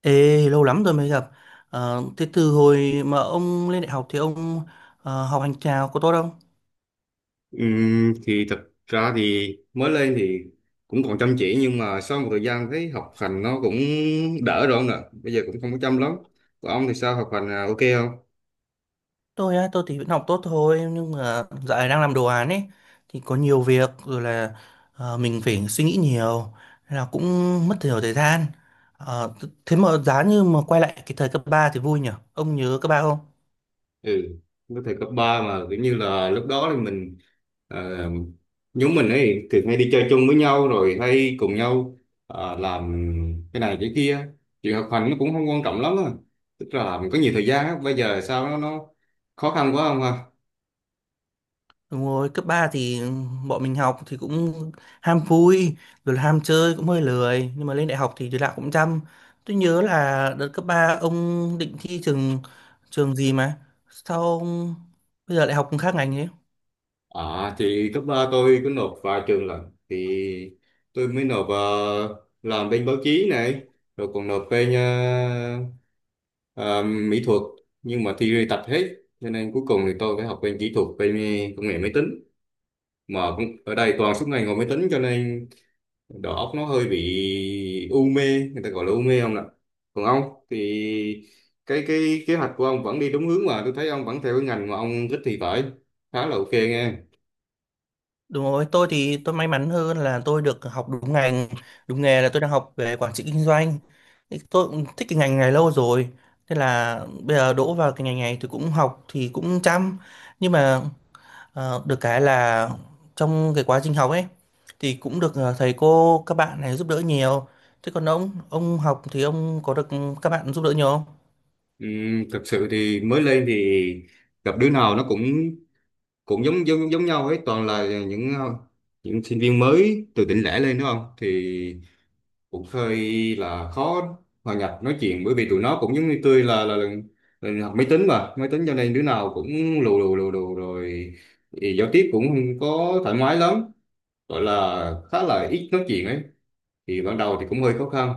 Ê, lâu lắm rồi mới gặp. Thế từ hồi mà ông lên đại học thì ông học hành chào có tốt không? Thì thật ra thì mới lên thì cũng còn chăm chỉ, nhưng mà sau một thời gian thấy học hành nó cũng đỡ rồi ông ạ. Bây giờ cũng không có chăm lắm. Còn ông thì sao, học hành à, ok không? Tôi á, tôi thì vẫn học tốt thôi, nhưng mà dạo này đang làm đồ án ấy thì có nhiều việc rồi, là mình phải suy nghĩ nhiều nên là cũng mất nhiều thời gian. Ờ, thế mà giá như mà quay lại cái thời cấp 3 thì vui nhỉ? Ông nhớ cấp 3 không? Ừ, với thời cấp 3 mà kiểu như là lúc đó thì mình, ờ, nhóm mình ấy thường hay đi chơi chung với nhau rồi hay cùng nhau làm cái này cái kia. Chuyện học hành nó cũng không quan trọng lắm á, tức là mình có nhiều thời gian á. Bây giờ sao nó khó khăn quá không ha? Đúng rồi, cấp 3 thì bọn mình học thì cũng ham vui, rồi ham chơi cũng hơi lười, nhưng mà lên đại học thì đứa nào cũng chăm. Tôi nhớ là đợt cấp 3 ông định thi trường trường gì mà sao ông bây giờ lại học khác ngành thế? À, thì cấp 3 tôi có nộp vài trường lần thì tôi mới nộp, làm bên báo chí này, rồi còn nộp bên ờ, mỹ thuật, nhưng mà thi tạch hết cho nên cuối cùng thì tôi phải học bên kỹ thuật, bên công nghệ máy tính. Mà cũng ở đây toàn suốt ngày ngồi máy tính cho nên đầu óc nó hơi bị u mê, người ta gọi là u mê không ạ? Còn ông thì cái kế hoạch của ông vẫn đi đúng hướng, mà tôi thấy ông vẫn theo cái ngành mà ông thích thì phải, khá là ok nghe. Đúng rồi, tôi thì tôi may mắn hơn là tôi được học đúng ngành, đúng nghề, là tôi đang học về quản trị kinh doanh. Thì tôi cũng thích cái ngành này lâu rồi, thế là bây giờ đỗ vào cái ngành này thì cũng học thì cũng chăm, nhưng mà được cái là trong cái quá trình học ấy thì cũng được thầy cô các bạn này giúp đỡ nhiều. Thế còn ông học thì ông có được các bạn giúp đỡ nhiều không? Ừ, thực sự thì mới lên thì gặp đứa nào nó cũng cũng giống giống giống nhau ấy, toàn là những sinh viên mới từ tỉnh lẻ lên đúng không, thì cũng hơi là khó hòa nhập nói chuyện, bởi vì tụi nó cũng giống như tôi là là học máy tính mà máy tính, cho nên đứa nào cũng lù lù rồi thì giao tiếp cũng không có thoải mái lắm, gọi là khá là ít nói chuyện ấy. Thì ban đầu thì cũng hơi khó khăn,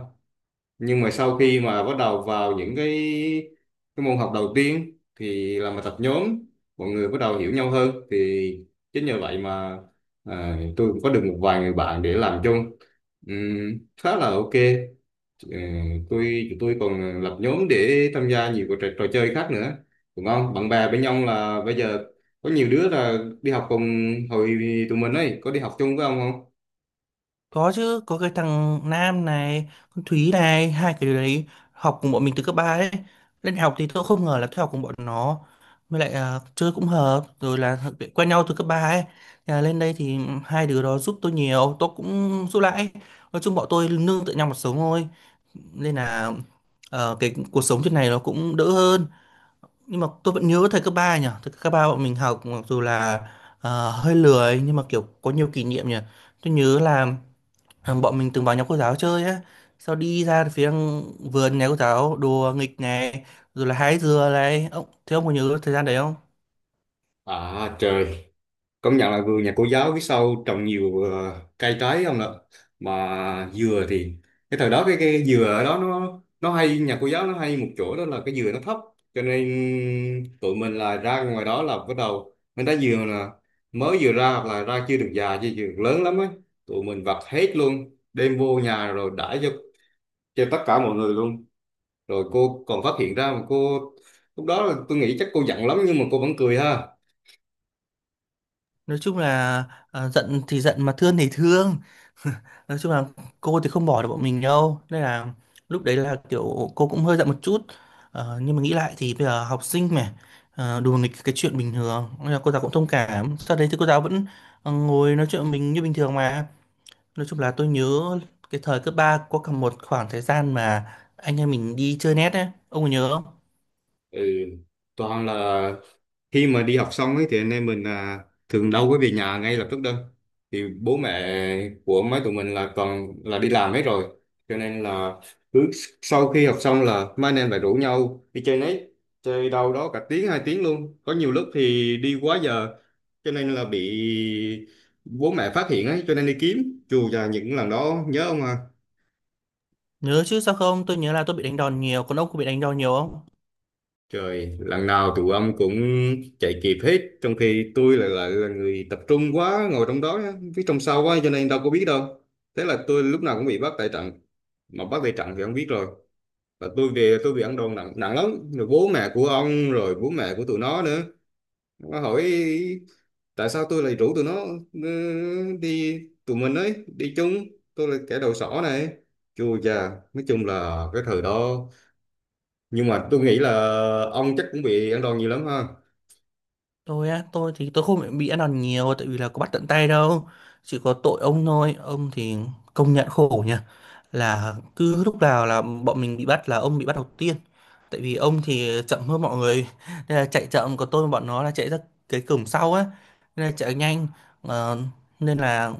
nhưng mà sau khi mà bắt đầu vào những cái môn học đầu tiên thì làm bài tập nhóm, mọi người bắt đầu hiểu nhau hơn thì chính nhờ vậy mà tôi cũng có được một vài người bạn để làm chung. Khá là ok. Ừ, tụi tôi còn lập nhóm để tham gia nhiều cái trò chơi khác nữa, đúng không, bạn bè bên nhau. Là bây giờ có nhiều đứa là đi học cùng hồi tụi mình ấy, có đi học chung với ông không? Có chứ, có cái thằng Nam này, con Thúy này, hai cái đứa đấy học cùng bọn mình từ cấp 3 ấy. Lên đại học thì tôi không ngờ là tôi học cùng bọn nó. Với lại chơi cũng hợp, rồi là quen nhau từ cấp 3 ấy. Thế là lên đây thì hai đứa đó giúp tôi nhiều, tôi cũng giúp lại ấy. Nói chung bọn tôi nương tựa nhau một sống thôi, nên là cái cuộc sống trên này nó cũng đỡ hơn. Nhưng mà tôi vẫn nhớ thầy cấp 3 nhỉ, thầy cấp 3 bọn mình học mặc dù là hơi lười nhưng mà kiểu có nhiều kỷ niệm nhỉ. Tôi nhớ là bọn mình từng vào nhà cô giáo chơi á, sau đi ra phía vườn nhà cô giáo đùa nghịch này, rồi là hái dừa này. Ông, thế ông có nhớ thời gian đấy không? À trời, công nhận là vườn nhà cô giáo phía sau trồng nhiều cây trái không ạ? Mà dừa thì cái thời đó cái dừa ở đó nó hay, nhà cô giáo nó hay một chỗ đó là cái dừa nó thấp, cho nên tụi mình là ra ngoài đó là bắt đầu mình thấy dừa là mới vừa ra, hoặc là ra chưa được già chưa được lớn lắm á, tụi mình vặt hết luôn đem vô nhà rồi đãi cho tất cả mọi người luôn. Rồi cô còn phát hiện ra mà cô, lúc đó là tôi nghĩ chắc cô giận lắm nhưng mà cô vẫn cười ha. Nói chung là giận thì giận mà thương thì thương, nói chung là cô thì không bỏ được bọn mình đâu, nên là lúc đấy là kiểu cô cũng hơi giận một chút. Nhưng mà nghĩ lại thì bây giờ học sinh mà đùa nghịch cái chuyện bình thường, nên là cô giáo cũng thông cảm. Sau đấy thì cô giáo vẫn ngồi nói chuyện với mình như bình thường mà. Nói chung là tôi nhớ cái thời cấp 3 có cả một khoảng thời gian mà anh em mình đi chơi net ấy. Ông có nhớ không? Ừ, toàn là khi mà đi học xong ấy thì anh em mình thường đâu có về nhà ngay lập tức đâu, thì bố mẹ của mấy tụi mình là toàn là đi làm hết rồi, cho nên là cứ sau khi học xong là mấy anh em lại rủ nhau đi chơi nấy, chơi đâu đó cả tiếng 2 tiếng luôn, có nhiều lúc thì đi quá giờ cho nên là bị bố mẹ phát hiện ấy, cho nên đi kiếm dù là những lần đó nhớ ông à. Nhớ chứ sao không, tôi nhớ là tôi bị đánh đòn nhiều. Còn ông có bị đánh đòn nhiều không? Trời, lần nào tụi ông cũng chạy kịp hết, trong khi tôi lại lại là người tập trung quá, ngồi trong đó, phía trong sau quá, cho nên đâu có biết đâu. Thế là tôi lúc nào cũng bị bắt tại trận, mà bắt tại trận thì ông biết rồi. Và tôi về tôi bị ăn đòn nặng nặng lắm, rồi bố mẹ của ông, rồi bố mẹ của tụi nó nữa. Nó hỏi tại sao tôi lại rủ tụi nó, ừ, đi, tụi mình ấy, đi chung, tôi là kẻ đầu sỏ này. Chua chà, nói chung là cái thời đó, nhưng mà tôi nghĩ là ông chắc cũng bị ăn đòn nhiều lắm ha. Tôi á, tôi thì tôi không bị ăn đòn nhiều tại vì là có bắt tận tay đâu. Chỉ có tội ông thôi, ông thì công nhận khổ nhỉ. Là cứ lúc nào là bọn mình bị bắt là ông bị bắt đầu tiên. Tại vì ông thì chậm hơn mọi người. Nên là chạy chậm, còn tôi và bọn nó là chạy ra cái cổng sau á. Nên là chạy nhanh. Ờ, nên là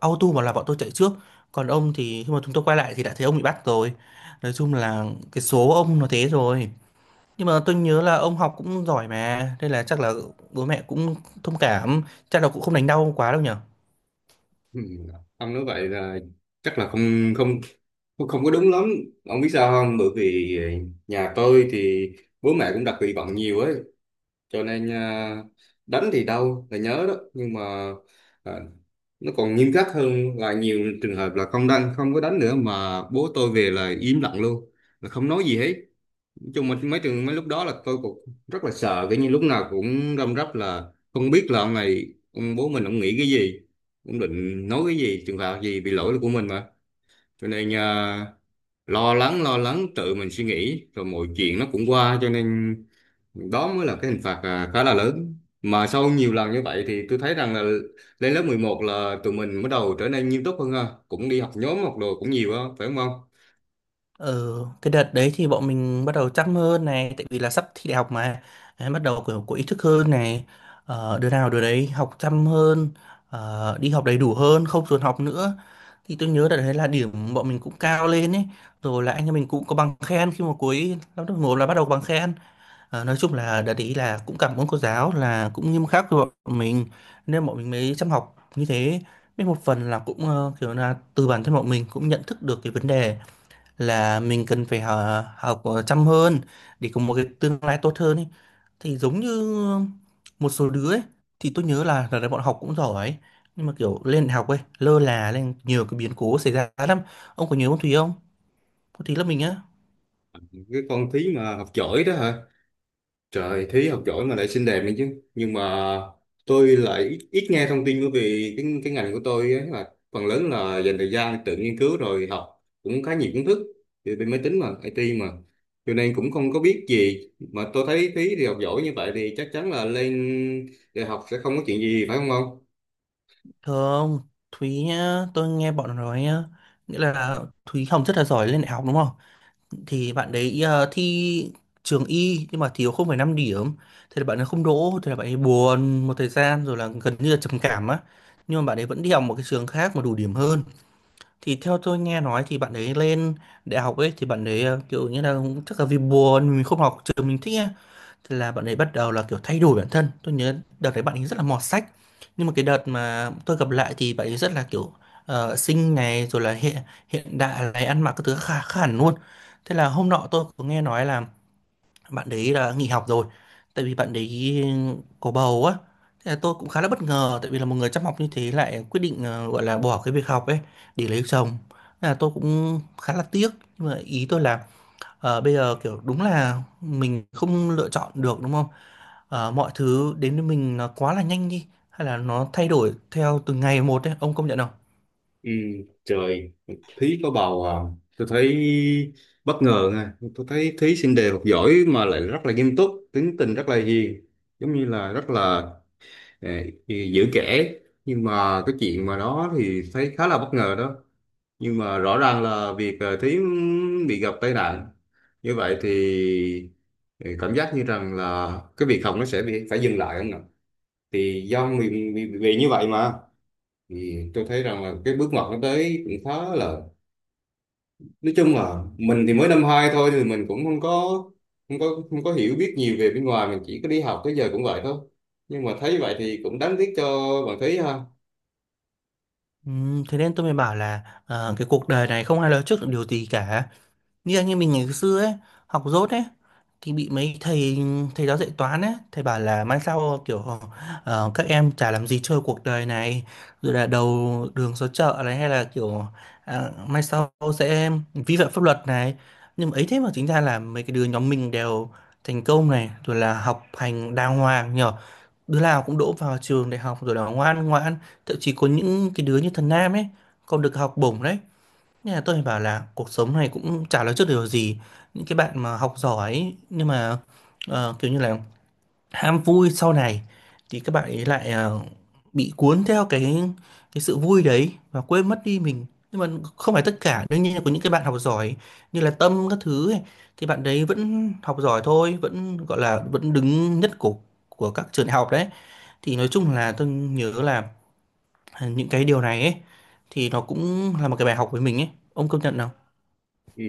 auto mà là bọn tôi chạy trước. Còn ông thì khi mà chúng tôi quay lại thì đã thấy ông bị bắt rồi. Nói chung là cái số ông nó thế rồi. Nhưng mà tôi nhớ là ông học cũng giỏi mà, nên là chắc là bố mẹ cũng thông cảm, chắc là cũng không đánh đau quá đâu nhở. Ừ. Ông nói vậy là chắc là không không không không có đúng lắm. Ông biết sao không? Bởi vì nhà tôi thì bố mẹ cũng đặt kỳ vọng nhiều ấy, cho nên đánh thì đau là nhớ đó, nhưng mà à, nó còn nghiêm khắc hơn là nhiều trường hợp là không có đánh nữa, mà bố tôi về là im lặng luôn, là không nói gì hết. Nói chung mà mấy lúc đó là tôi cũng rất là sợ, kiểu như lúc nào cũng răm rắp, là không biết là ông bố mình ông nghĩ cái gì, ông định nói cái gì, trường phạt gì vì lỗi là của mình mà, cho nên lo lắng tự mình suy nghĩ rồi mọi chuyện nó cũng qua, cho nên đó mới là cái hình phạt, khá là lớn. Mà sau nhiều lần như vậy thì tôi thấy rằng là lên lớp 11 là tụi mình bắt đầu trở nên nghiêm túc hơn ha, cũng đi học nhóm học đồ cũng nhiều á phải không không? Ờ, cái đợt đấy thì bọn mình bắt đầu chăm hơn này, tại vì là sắp thi đại học mà, đấy, bắt đầu kiểu có ý thức hơn này, đứa nào đứa đấy học chăm hơn, đi học đầy đủ hơn, không dồn học nữa. Thì tôi nhớ đợt đấy là điểm bọn mình cũng cao lên ấy, rồi là anh em mình cũng có bằng khen khi mà cuối năm lớp 1 là bắt đầu bằng khen. Nói chung là đợt ý là cũng cảm ơn cô giáo là cũng nghiêm khắc với bọn mình nên bọn mình mới chăm học như thế, với một phần là cũng kiểu là từ bản thân bọn mình cũng nhận thức được cái vấn đề là mình cần phải học chăm hơn để có một cái tương lai tốt hơn ấy. Thì giống như một số đứa ấy, thì tôi nhớ là bọn học cũng giỏi ấy. Nhưng mà kiểu lên đại học ấy lơ là, lên nhiều cái biến cố xảy ra lắm. Ông có nhớ ông Thúy không? Ông Thúy là mình á. Cái con thí mà học giỏi đó hả? Trời, Thúy học giỏi mà lại xinh đẹp nữa chứ. Nhưng mà tôi lại ít nghe thông tin, bởi vì cái ngành của tôi ấy là phần lớn là dành thời gian tự nghiên cứu, rồi học cũng khá nhiều kiến thức về bên máy tính mà, IT mà. Cho nên cũng không có biết gì. Mà tôi thấy Thúy thì học giỏi như vậy thì chắc chắn là lên đại học sẽ không có chuyện gì phải không không? Thường Thúy nhá, tôi nghe bọn nó nói nhá, nghĩa là Thúy Hồng rất là giỏi lên đại học đúng không? Thì bạn đấy thi trường y nhưng mà thiếu 0,5 điểm, thế là bạn ấy không đỗ, thế là bạn ấy buồn một thời gian rồi là gần như là trầm cảm á. Nhưng mà bạn ấy vẫn đi học một cái trường khác mà đủ điểm hơn. Thì theo tôi nghe nói thì bạn ấy lên đại học ấy thì bạn ấy kiểu như là chắc là vì buồn mình không học trường mình thích ấy. Thế là bạn ấy bắt đầu là kiểu thay đổi bản thân. Tôi nhớ đợt đấy bạn ấy rất là mọt sách, nhưng mà cái đợt mà tôi gặp lại thì bạn ấy rất là kiểu xinh này, rồi là hiện hiện đại này, ăn mặc các thứ khá khá hẳn luôn. Thế là hôm nọ tôi có nghe nói là bạn đấy là nghỉ học rồi tại vì bạn đấy có bầu á. Thế là tôi cũng khá là bất ngờ tại vì là một người chăm học như thế lại quyết định gọi là bỏ cái việc học ấy để lấy chồng. Thế là tôi cũng khá là tiếc, nhưng mà ý tôi là bây giờ kiểu đúng là mình không lựa chọn được đúng không, mọi thứ đến với mình nó quá là nhanh đi, hay là nó thay đổi theo từng ngày một ấy, ông công nhận không? Ừ, trời, Thúy có bầu à. Tôi thấy bất ngờ nha. Tôi thấy Thúy xinh đẹp học giỏi mà lại rất là nghiêm túc, tính tình rất là hiền, giống như là rất là. Nè, thì giữ kể, nhưng mà cái chuyện mà đó thì thấy khá là bất ngờ đó, nhưng mà rõ ràng là việc Thúy bị gặp tai nạn như vậy thì cảm giác như rằng là cái việc học nó sẽ bị phải dừng lại không nào, thì do vì như vậy mà, thì tôi thấy rằng là cái bước ngoặt nó tới cũng khá là. Nói chung là mình thì mới năm hai thôi thì mình cũng không có hiểu biết nhiều về bên ngoài, mình chỉ có đi học tới giờ cũng vậy thôi, nhưng mà thấy vậy thì cũng đáng tiếc cho bạn Thúy ha. Thế nên tôi mới bảo là cái cuộc đời này không ai nói trước được điều gì cả. Như anh em mình ngày xưa ấy, học dốt ấy, thì bị mấy thầy thầy giáo dạy toán ấy, thầy bảo là mai sau kiểu các em chả làm gì chơi cuộc đời này, rồi là đầu đường xó chợ này, hay là kiểu mai sau sẽ vi phạm pháp luật này. Nhưng mà ấy thế mà chính ra là mấy cái đứa nhóm mình đều thành công này, rồi là học hành đàng hoàng nhở, đứa nào cũng đỗ vào trường đại học rồi là ngoan ngoãn, thậm chí có những cái đứa như thần Nam ấy còn được học bổng đấy, nên là tôi phải bảo là cuộc sống này cũng chả nói trước điều gì. Những cái bạn mà học giỏi ấy, nhưng mà kiểu như là ham vui sau này thì các bạn ấy lại bị cuốn theo cái sự vui đấy và quên mất đi mình. Nhưng mà không phải tất cả, đương nhiên là có những cái bạn học giỏi như là Tâm các thứ ấy, thì bạn đấy vẫn học giỏi thôi, vẫn gọi là vẫn đứng nhất của các trường đại học đấy. Thì nói chung là tôi nhớ là những cái điều này ấy thì nó cũng là một cái bài học với mình ấy. Ông công nhận không? Ừ,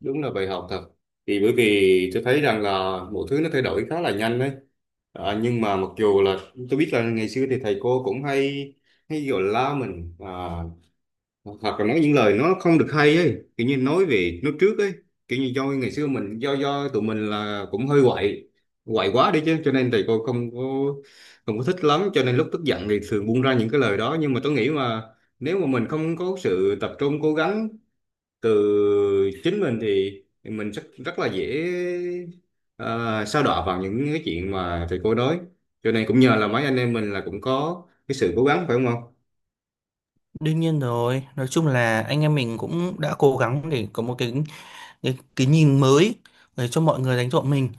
đúng là bài học thật. Thì bởi vì tôi thấy rằng là mọi thứ nó thay đổi khá là nhanh đấy. À, nhưng mà mặc dù là tôi biết là ngày xưa thì thầy cô cũng hay hay gọi la mình à, hoặc là nói những lời nó không được hay ấy, kiểu như nói về nói trước ấy, kiểu như do ngày xưa mình do tụi mình là cũng hơi quậy, quậy quá đi chứ cho nên thầy cô không có thích lắm, cho nên lúc tức giận thì thường buông ra những cái lời đó. Nhưng mà tôi nghĩ mà nếu mà mình không có sự tập trung cố gắng từ chính mình thì mình rất rất là dễ ờ, sa đọa vào những cái chuyện mà thầy cô nói, cho nên cũng nhờ là mấy anh em mình là cũng có cái sự cố gắng phải không ông? Đương nhiên rồi, nói chung là anh em mình cũng đã cố gắng để có một cái nhìn mới để cho mọi người đánh giá mình.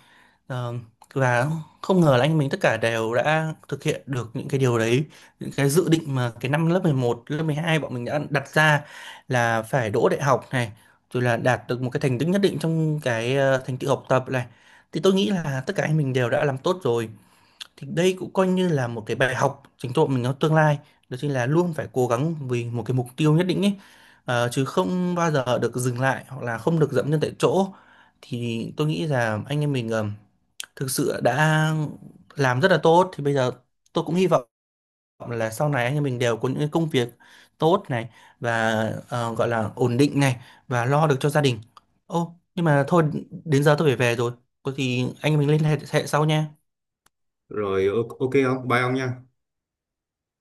Ờ, và không ngờ là anh em mình tất cả đều đã thực hiện được những cái điều đấy, những cái dự định mà cái năm lớp 11, lớp 12 bọn mình đã đặt ra là phải đỗ đại học này, rồi là đạt được một cái thành tích nhất định trong cái thành tựu học tập này. Thì tôi nghĩ là tất cả anh mình đều đã làm tốt rồi. Thì đây cũng coi như là một cái bài học chính tộ mình trong tương lai, đó chính là luôn phải cố gắng vì một cái mục tiêu nhất định ấy. Chứ không bao giờ được dừng lại hoặc là không được dậm chân tại chỗ. Thì tôi nghĩ là anh em mình thực sự đã làm rất là tốt. Thì bây giờ tôi cũng hy vọng là sau này anh em mình đều có những cái công việc tốt này, và gọi là ổn định này, và lo được cho gia đình. Ô, nhưng mà thôi, đến giờ tôi phải về rồi, có gì anh em mình liên hệ hệ sau nha. Rồi ok không, bye ông nha.